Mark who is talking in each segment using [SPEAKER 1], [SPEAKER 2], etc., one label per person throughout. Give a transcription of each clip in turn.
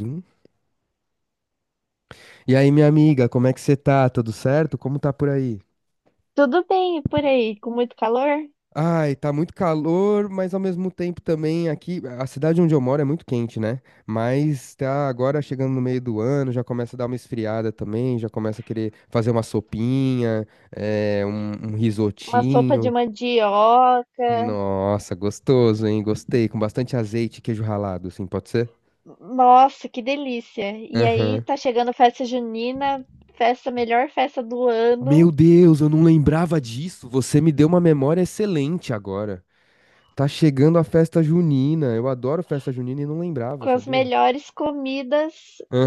[SPEAKER 1] Zoom. E aí, minha amiga, como é que você tá? Tudo certo? Como tá por aí?
[SPEAKER 2] Tudo bem e por aí, com muito calor?
[SPEAKER 1] Ai, tá muito calor, mas ao mesmo tempo também aqui, a cidade onde eu moro é muito quente, né? Mas tá agora chegando no meio do ano, já começa a dar uma esfriada também, já começa a querer fazer uma sopinha, um
[SPEAKER 2] Uma sopa de
[SPEAKER 1] risotinho.
[SPEAKER 2] mandioca.
[SPEAKER 1] Nossa, gostoso, hein? Gostei, com bastante azeite e queijo ralado, assim, pode ser?
[SPEAKER 2] Nossa, que delícia! E aí
[SPEAKER 1] Aham.
[SPEAKER 2] tá chegando festa junina, festa, melhor festa do
[SPEAKER 1] Meu
[SPEAKER 2] ano,
[SPEAKER 1] Deus, eu não lembrava disso. Você me deu uma memória excelente agora. Tá chegando a festa junina. Eu adoro festa junina e não lembrava,
[SPEAKER 2] com as
[SPEAKER 1] sabia?
[SPEAKER 2] melhores comidas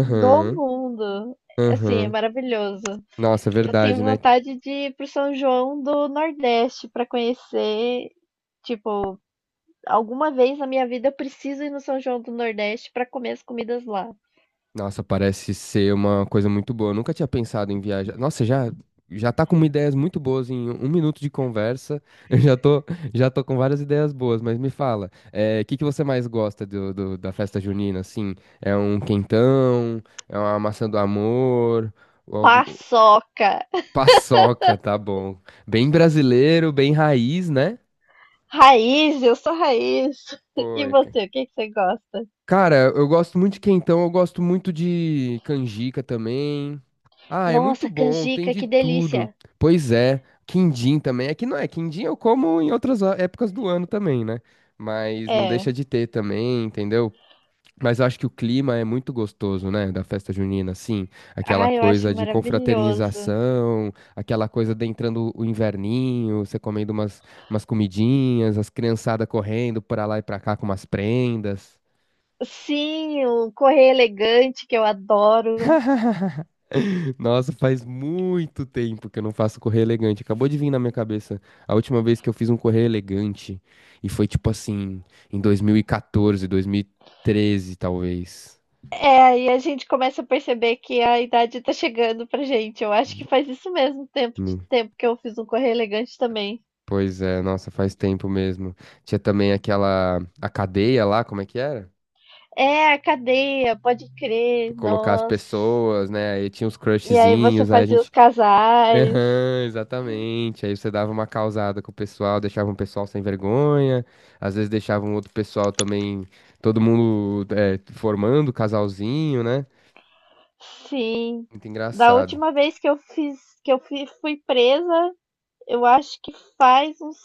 [SPEAKER 2] do mundo. Assim, é
[SPEAKER 1] aham.
[SPEAKER 2] maravilhoso.
[SPEAKER 1] Nossa, é
[SPEAKER 2] Eu
[SPEAKER 1] verdade,
[SPEAKER 2] tenho
[SPEAKER 1] né?
[SPEAKER 2] vontade de ir pro São João do Nordeste para conhecer, tipo, alguma vez na minha vida eu preciso ir no São João do Nordeste para comer as comidas lá.
[SPEAKER 1] Nossa, parece ser uma coisa muito boa. Eu nunca tinha pensado em viajar. Nossa, já tá com ideias muito boas em um minuto de conversa. Eu já tô com várias ideias boas, mas me fala, o que que você mais gosta da festa junina? Assim, é um quentão, é uma maçã do amor, ou algum...
[SPEAKER 2] Paçoca!
[SPEAKER 1] paçoca, tá bom? Bem brasileiro, bem raiz, né?
[SPEAKER 2] Raiz, eu sou raiz. E
[SPEAKER 1] Foi, cara.
[SPEAKER 2] você, o que que você gosta?
[SPEAKER 1] Cara, eu gosto muito de quentão, eu gosto muito de canjica também. Ah, é muito
[SPEAKER 2] Nossa,
[SPEAKER 1] bom, tem
[SPEAKER 2] canjica,
[SPEAKER 1] de
[SPEAKER 2] que
[SPEAKER 1] tudo.
[SPEAKER 2] delícia.
[SPEAKER 1] Pois é, quindim também. É que não é, quindim eu como em outras épocas do ano também, né? Mas não
[SPEAKER 2] É.
[SPEAKER 1] deixa de ter também, entendeu? Mas eu acho que o clima é muito gostoso, né? Da festa junina, assim. Aquela
[SPEAKER 2] Ai, eu
[SPEAKER 1] coisa
[SPEAKER 2] acho
[SPEAKER 1] de
[SPEAKER 2] maravilhoso.
[SPEAKER 1] confraternização, aquela coisa de entrando o inverninho, você comendo umas, umas comidinhas, as criançadas correndo pra lá e pra cá com umas prendas.
[SPEAKER 2] Sim, o correr elegante, que eu adoro.
[SPEAKER 1] Nossa, faz muito tempo que eu não faço correr elegante. Acabou de vir na minha cabeça a última vez que eu fiz um correr elegante. E foi tipo assim, em 2014, 2013, talvez.
[SPEAKER 2] É, e a gente começa a perceber que a idade tá chegando pra gente. Eu acho que faz isso mesmo, tempo de
[SPEAKER 1] Hum,
[SPEAKER 2] tempo que eu fiz um correr elegante também.
[SPEAKER 1] Pois é, nossa, faz tempo mesmo. Tinha também aquela, a cadeia lá, como é que era?
[SPEAKER 2] É, a cadeia, pode
[SPEAKER 1] Pra
[SPEAKER 2] crer,
[SPEAKER 1] colocar as
[SPEAKER 2] nossa.
[SPEAKER 1] pessoas, né? Aí tinha os
[SPEAKER 2] E aí você
[SPEAKER 1] crushzinhos, aí a
[SPEAKER 2] fazia os
[SPEAKER 1] gente
[SPEAKER 2] casais.
[SPEAKER 1] aham, exatamente. Aí você dava uma causada com o pessoal, deixava um pessoal sem vergonha, às vezes deixava um outro pessoal também, todo mundo formando casalzinho, né?
[SPEAKER 2] Sim.
[SPEAKER 1] Muito
[SPEAKER 2] Da
[SPEAKER 1] engraçado.
[SPEAKER 2] última vez que eu fui presa, eu acho que faz uns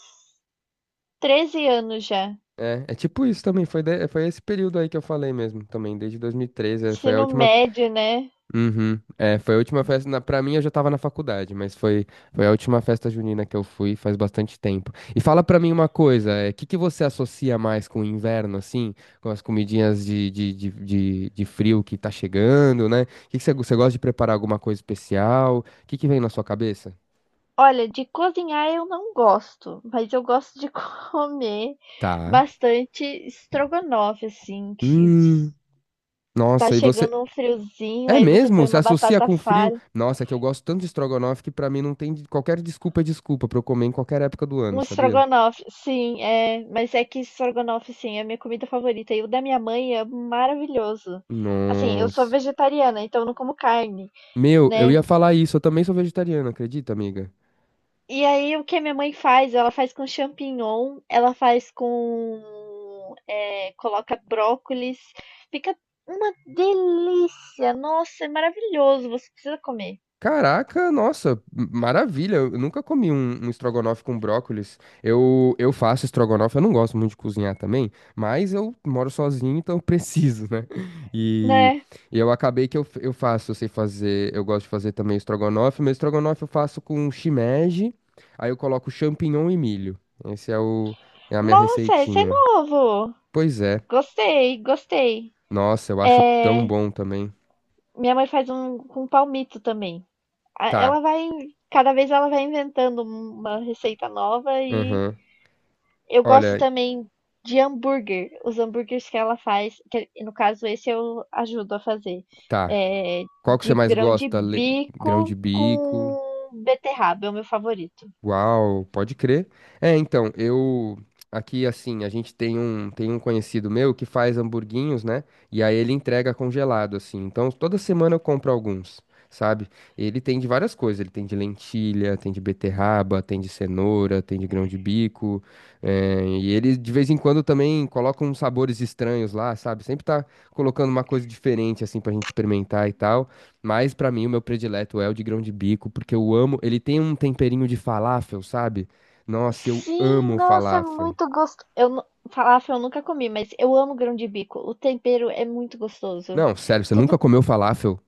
[SPEAKER 2] 13 anos já.
[SPEAKER 1] É, é tipo isso também, foi, foi esse período aí que eu falei mesmo, também, desde 2013, é, foi a
[SPEAKER 2] Ensino
[SPEAKER 1] última
[SPEAKER 2] médio, né?
[SPEAKER 1] uhum. É, foi a última festa, na, pra mim eu já tava na faculdade, mas foi, foi a última festa junina que eu fui faz bastante tempo. E fala pra mim uma coisa, o que que você associa mais com o inverno, assim, com as comidinhas de frio que tá chegando, né? Você gosta de preparar alguma coisa especial? O que que vem na sua cabeça?
[SPEAKER 2] Olha, de cozinhar eu não gosto, mas eu gosto de comer
[SPEAKER 1] Tá.
[SPEAKER 2] bastante estrogonofe, assim, que
[SPEAKER 1] Hum,
[SPEAKER 2] tá
[SPEAKER 1] nossa, e você...
[SPEAKER 2] chegando um friozinho,
[SPEAKER 1] É
[SPEAKER 2] aí você
[SPEAKER 1] mesmo?
[SPEAKER 2] põe
[SPEAKER 1] Você
[SPEAKER 2] uma
[SPEAKER 1] associa
[SPEAKER 2] batata
[SPEAKER 1] com frio?
[SPEAKER 2] palha.
[SPEAKER 1] Nossa, é que eu gosto tanto de estrogonofe que pra mim não tem qualquer desculpa é desculpa pra eu comer em qualquer época do ano,
[SPEAKER 2] Um
[SPEAKER 1] sabia?
[SPEAKER 2] estrogonofe, sim, é. Mas é que estrogonofe, sim, é a minha comida favorita. E o da minha mãe é maravilhoso. Assim, eu sou
[SPEAKER 1] Nossa.
[SPEAKER 2] vegetariana, então eu não como carne,
[SPEAKER 1] Meu, eu
[SPEAKER 2] né?
[SPEAKER 1] ia falar isso. Eu também sou vegetariano, acredita, amiga?
[SPEAKER 2] E aí, o que a minha mãe faz? Ela faz com champignon, ela faz com, é, coloca brócolis. Fica uma delícia! Nossa, é maravilhoso! Você precisa comer,
[SPEAKER 1] Caraca, nossa, maravilha. Eu nunca comi um estrogonofe com brócolis. Eu faço estrogonofe, eu não gosto muito de cozinhar também, mas eu moro sozinho, então eu preciso, né? E,
[SPEAKER 2] né?
[SPEAKER 1] e eu acabei que eu, eu faço, eu sei fazer, eu gosto de fazer também estrogonofe. Meu estrogonofe eu faço com shimeji, aí eu coloco champignon e milho. Esse é o, é a minha
[SPEAKER 2] Nossa, esse é
[SPEAKER 1] receitinha.
[SPEAKER 2] novo!
[SPEAKER 1] Pois é.
[SPEAKER 2] Gostei, gostei.
[SPEAKER 1] Nossa, eu acho tão
[SPEAKER 2] É,
[SPEAKER 1] bom também.
[SPEAKER 2] minha mãe faz um com palmito também. a- ela
[SPEAKER 1] Tá.
[SPEAKER 2] vai, cada vez ela vai inventando um, uma receita nova e
[SPEAKER 1] Aham.
[SPEAKER 2] eu gosto
[SPEAKER 1] Olha,
[SPEAKER 2] também de hambúrguer. Os hambúrgueres que ela faz, que no caso esse eu ajudo a fazer,
[SPEAKER 1] tá.
[SPEAKER 2] é,
[SPEAKER 1] Qual que você
[SPEAKER 2] de
[SPEAKER 1] mais
[SPEAKER 2] grão de
[SPEAKER 1] gosta? Grão de
[SPEAKER 2] bico
[SPEAKER 1] bico.
[SPEAKER 2] com beterraba, é o meu favorito.
[SPEAKER 1] Uau, pode crer. É, então, eu aqui assim, a gente tem tem um conhecido meu que faz hamburguinhos, né? E aí ele entrega congelado assim. Então, toda semana eu compro alguns, sabe? Ele tem de várias coisas, ele tem de lentilha, tem de beterraba, tem de cenoura, tem de grão de bico. E ele de vez em quando também coloca uns sabores estranhos lá, sabe? Sempre tá colocando uma coisa diferente assim pra gente experimentar e tal. Mas pra mim o meu predileto é o de grão de bico, porque eu amo, ele tem um temperinho de falafel, sabe? Nossa, eu
[SPEAKER 2] Sim,
[SPEAKER 1] amo
[SPEAKER 2] nossa, é
[SPEAKER 1] falafel.
[SPEAKER 2] muito gostoso. Falafel eu nunca comi, mas eu amo grão de bico. O tempero é muito gostoso.
[SPEAKER 1] Não, sério, você nunca
[SPEAKER 2] Tudo
[SPEAKER 1] comeu falafel?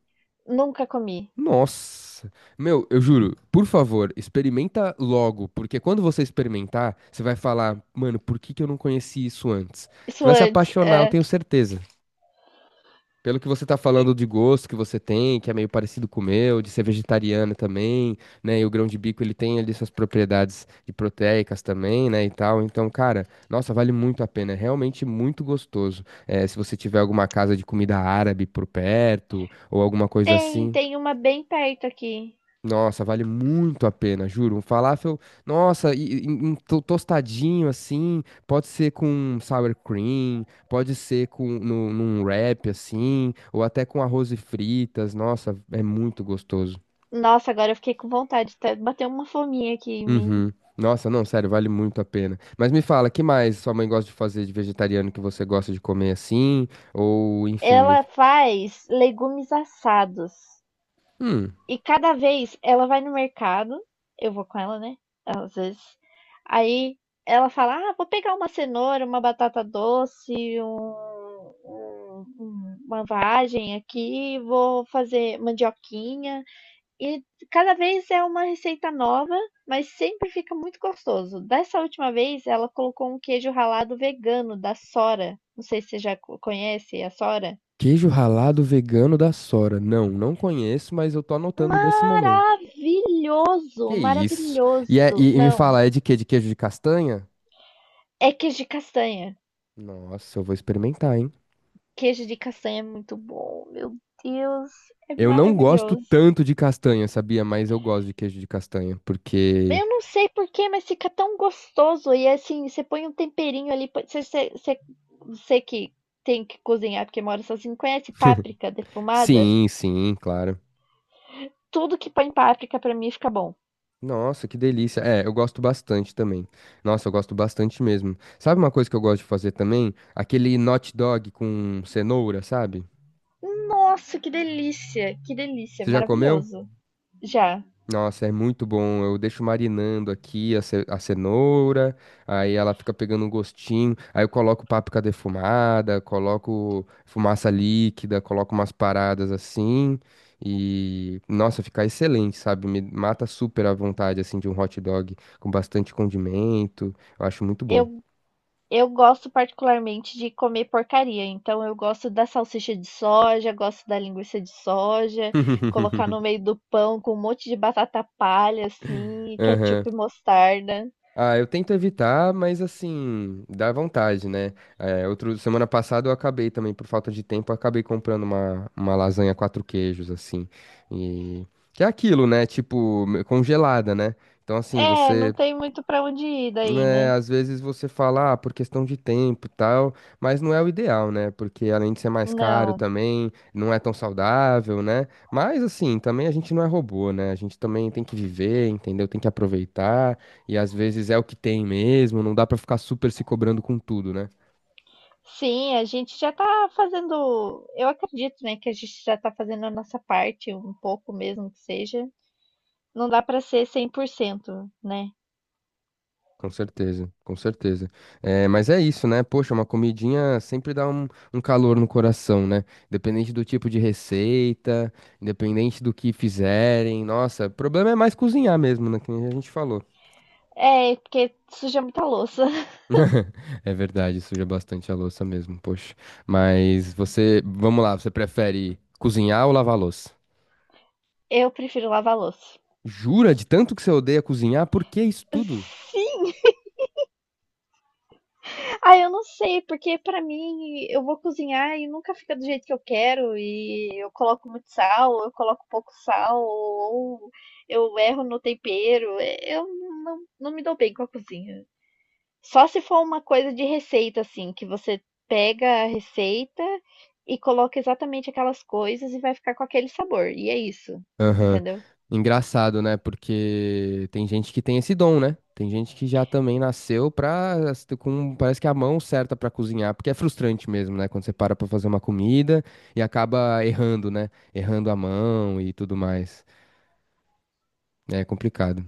[SPEAKER 2] nunca comi.
[SPEAKER 1] Nossa. Meu, eu juro, por favor, experimenta logo, porque quando você experimentar, você vai falar, mano, por que que eu não conheci isso antes? Você
[SPEAKER 2] Isso
[SPEAKER 1] vai se
[SPEAKER 2] antes,
[SPEAKER 1] apaixonar, eu
[SPEAKER 2] é.
[SPEAKER 1] tenho certeza. Pelo que você tá
[SPEAKER 2] E
[SPEAKER 1] falando de gosto que você tem, que é meio parecido com o meu, de ser vegetariana também, né? E o grão de bico, ele tem ali suas propriedades de proteicas também, né? E tal. Então, cara, nossa, vale muito a pena. É realmente muito gostoso. É, se você tiver alguma casa de comida árabe por perto, ou alguma coisa
[SPEAKER 2] tem,
[SPEAKER 1] assim.
[SPEAKER 2] tem uma bem perto aqui.
[SPEAKER 1] Nossa, vale muito a pena, juro. Um falafel, nossa, e um tostadinho assim, pode ser com sour cream, pode ser com no, num wrap assim, ou até com arroz e fritas. Nossa, é muito gostoso.
[SPEAKER 2] Nossa, agora eu fiquei com vontade, bateu uma fominha aqui em mim.
[SPEAKER 1] Uhum. Nossa, não, sério, vale muito a pena. Mas me fala, que mais sua mãe gosta de fazer de vegetariano que você gosta de comer assim? Ou, enfim, me...
[SPEAKER 2] Ela faz legumes assados.
[SPEAKER 1] Hum,
[SPEAKER 2] E cada vez ela vai no mercado, eu vou com ela, né? Às vezes. Aí ela fala: "Ah, vou pegar uma cenoura, uma batata doce, uma vagem aqui, vou fazer mandioquinha." E cada vez é uma receita nova, mas sempre fica muito gostoso. Dessa última vez, ela colocou um queijo ralado vegano da Sora. Não sei se você já conhece a Sora.
[SPEAKER 1] queijo ralado vegano da Sora. Não, não conheço, mas eu tô anotando nesse momento. Que
[SPEAKER 2] Maravilhoso,
[SPEAKER 1] isso?
[SPEAKER 2] maravilhoso.
[SPEAKER 1] E me
[SPEAKER 2] Não,
[SPEAKER 1] fala, é de quê? De queijo de castanha?
[SPEAKER 2] é queijo de castanha.
[SPEAKER 1] Nossa, eu vou experimentar, hein?
[SPEAKER 2] Queijo de castanha é muito bom, meu Deus, é
[SPEAKER 1] Eu não gosto
[SPEAKER 2] maravilhoso.
[SPEAKER 1] tanto de castanha, sabia? Mas eu gosto de queijo de castanha, porque...
[SPEAKER 2] Eu não sei porquê, mas fica tão gostoso. E assim, você põe um temperinho ali. Você você que tem que cozinhar porque mora sozinho, conhece páprica defumada?
[SPEAKER 1] Sim, sim, claro.
[SPEAKER 2] Tudo que põe páprica pra mim fica bom.
[SPEAKER 1] Nossa, que delícia. É, eu gosto bastante também. Nossa, eu gosto bastante mesmo. Sabe uma coisa que eu gosto de fazer também? Aquele hot dog com cenoura, sabe?
[SPEAKER 2] Nossa, que delícia! Que delícia!
[SPEAKER 1] Você já comeu?
[SPEAKER 2] Maravilhoso. Já.
[SPEAKER 1] Nossa, é muito bom. Eu deixo marinando aqui a cenoura, aí ela fica pegando um gostinho. Aí eu coloco páprica defumada, coloco fumaça líquida, coloco umas paradas assim. E, nossa, fica excelente, sabe? Me mata super a vontade, assim, de um hot dog com bastante condimento. Eu acho muito bom.
[SPEAKER 2] Eu, eu gosto particularmente de comer porcaria, então eu gosto da salsicha de soja, gosto da linguiça de soja, colocar no meio do pão com um monte de batata palha, assim, e
[SPEAKER 1] Aham.
[SPEAKER 2] ketchup e mostarda.
[SPEAKER 1] Ah, eu tento evitar, mas assim, dá vontade, né? É, outro, semana passada eu acabei também, por falta de tempo, eu acabei comprando uma lasanha quatro queijos, assim. E que é aquilo, né? Tipo, congelada, né? Então, assim,
[SPEAKER 2] É, não
[SPEAKER 1] você
[SPEAKER 2] tem muito para onde ir daí,
[SPEAKER 1] né,
[SPEAKER 2] né?
[SPEAKER 1] às vezes você fala, ah, por questão de tempo e tal, mas não é o ideal, né? Porque além de ser mais caro
[SPEAKER 2] Não.
[SPEAKER 1] também, não é tão saudável, né? Mas assim, também a gente não é robô, né? A gente também tem que viver, entendeu? Tem que aproveitar, e às vezes é o que tem mesmo, não dá pra ficar super se cobrando com tudo, né?
[SPEAKER 2] Sim, a gente já tá fazendo. Eu acredito, né, que a gente já tá fazendo a nossa parte, um pouco mesmo que seja. Não dá para ser 100%, né?
[SPEAKER 1] Com certeza, com certeza. É, mas é isso, né? Poxa, uma comidinha sempre dá um, um calor no coração, né? Independente do tipo de receita, independente do que fizerem. Nossa, o problema é mais cozinhar mesmo, né? Que nem a gente falou.
[SPEAKER 2] É, porque suja muita louça.
[SPEAKER 1] É verdade, suja bastante a louça mesmo, poxa. Mas você, vamos lá, você prefere cozinhar ou lavar a louça?
[SPEAKER 2] Eu prefiro lavar louça.
[SPEAKER 1] Jura de tanto que você odeia cozinhar? Por que isso tudo?
[SPEAKER 2] Sim. Ah, eu não sei, porque pra mim eu vou cozinhar e nunca fica do jeito que eu quero, e eu coloco muito sal, ou eu coloco pouco sal, ou eu erro no tempero. Eu não me dou bem com a cozinha. Só se for uma coisa de receita, assim, que você pega a receita e coloca exatamente aquelas coisas e vai ficar com aquele sabor. E é isso,
[SPEAKER 1] Aham.
[SPEAKER 2] entendeu?
[SPEAKER 1] Engraçado, né? Porque tem gente que tem esse dom, né? Tem gente que já também nasceu pra, com, parece que a mão certa pra cozinhar, porque é frustrante mesmo, né? Quando você para pra fazer uma comida e acaba errando, né? Errando a mão e tudo mais. É complicado.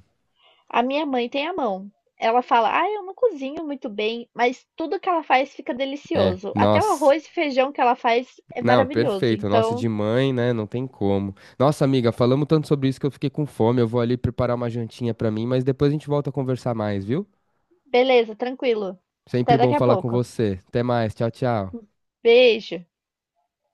[SPEAKER 2] A minha mãe tem a mão. Ela fala: "Ah, eu não cozinho muito bem", mas tudo que ela faz fica
[SPEAKER 1] É,
[SPEAKER 2] delicioso. Até o
[SPEAKER 1] nossa.
[SPEAKER 2] arroz e feijão que ela faz é
[SPEAKER 1] Não,
[SPEAKER 2] maravilhoso.
[SPEAKER 1] perfeito. Nossa,
[SPEAKER 2] Então,
[SPEAKER 1] de mãe, né? Não tem como. Nossa, amiga, falamos tanto sobre isso que eu fiquei com fome. Eu vou ali preparar uma jantinha pra mim, mas depois a gente volta a conversar mais, viu?
[SPEAKER 2] beleza, tranquilo.
[SPEAKER 1] Sempre
[SPEAKER 2] Até
[SPEAKER 1] bom
[SPEAKER 2] daqui a
[SPEAKER 1] falar com
[SPEAKER 2] pouco.
[SPEAKER 1] você. Até mais. Tchau, tchau.
[SPEAKER 2] Beijo.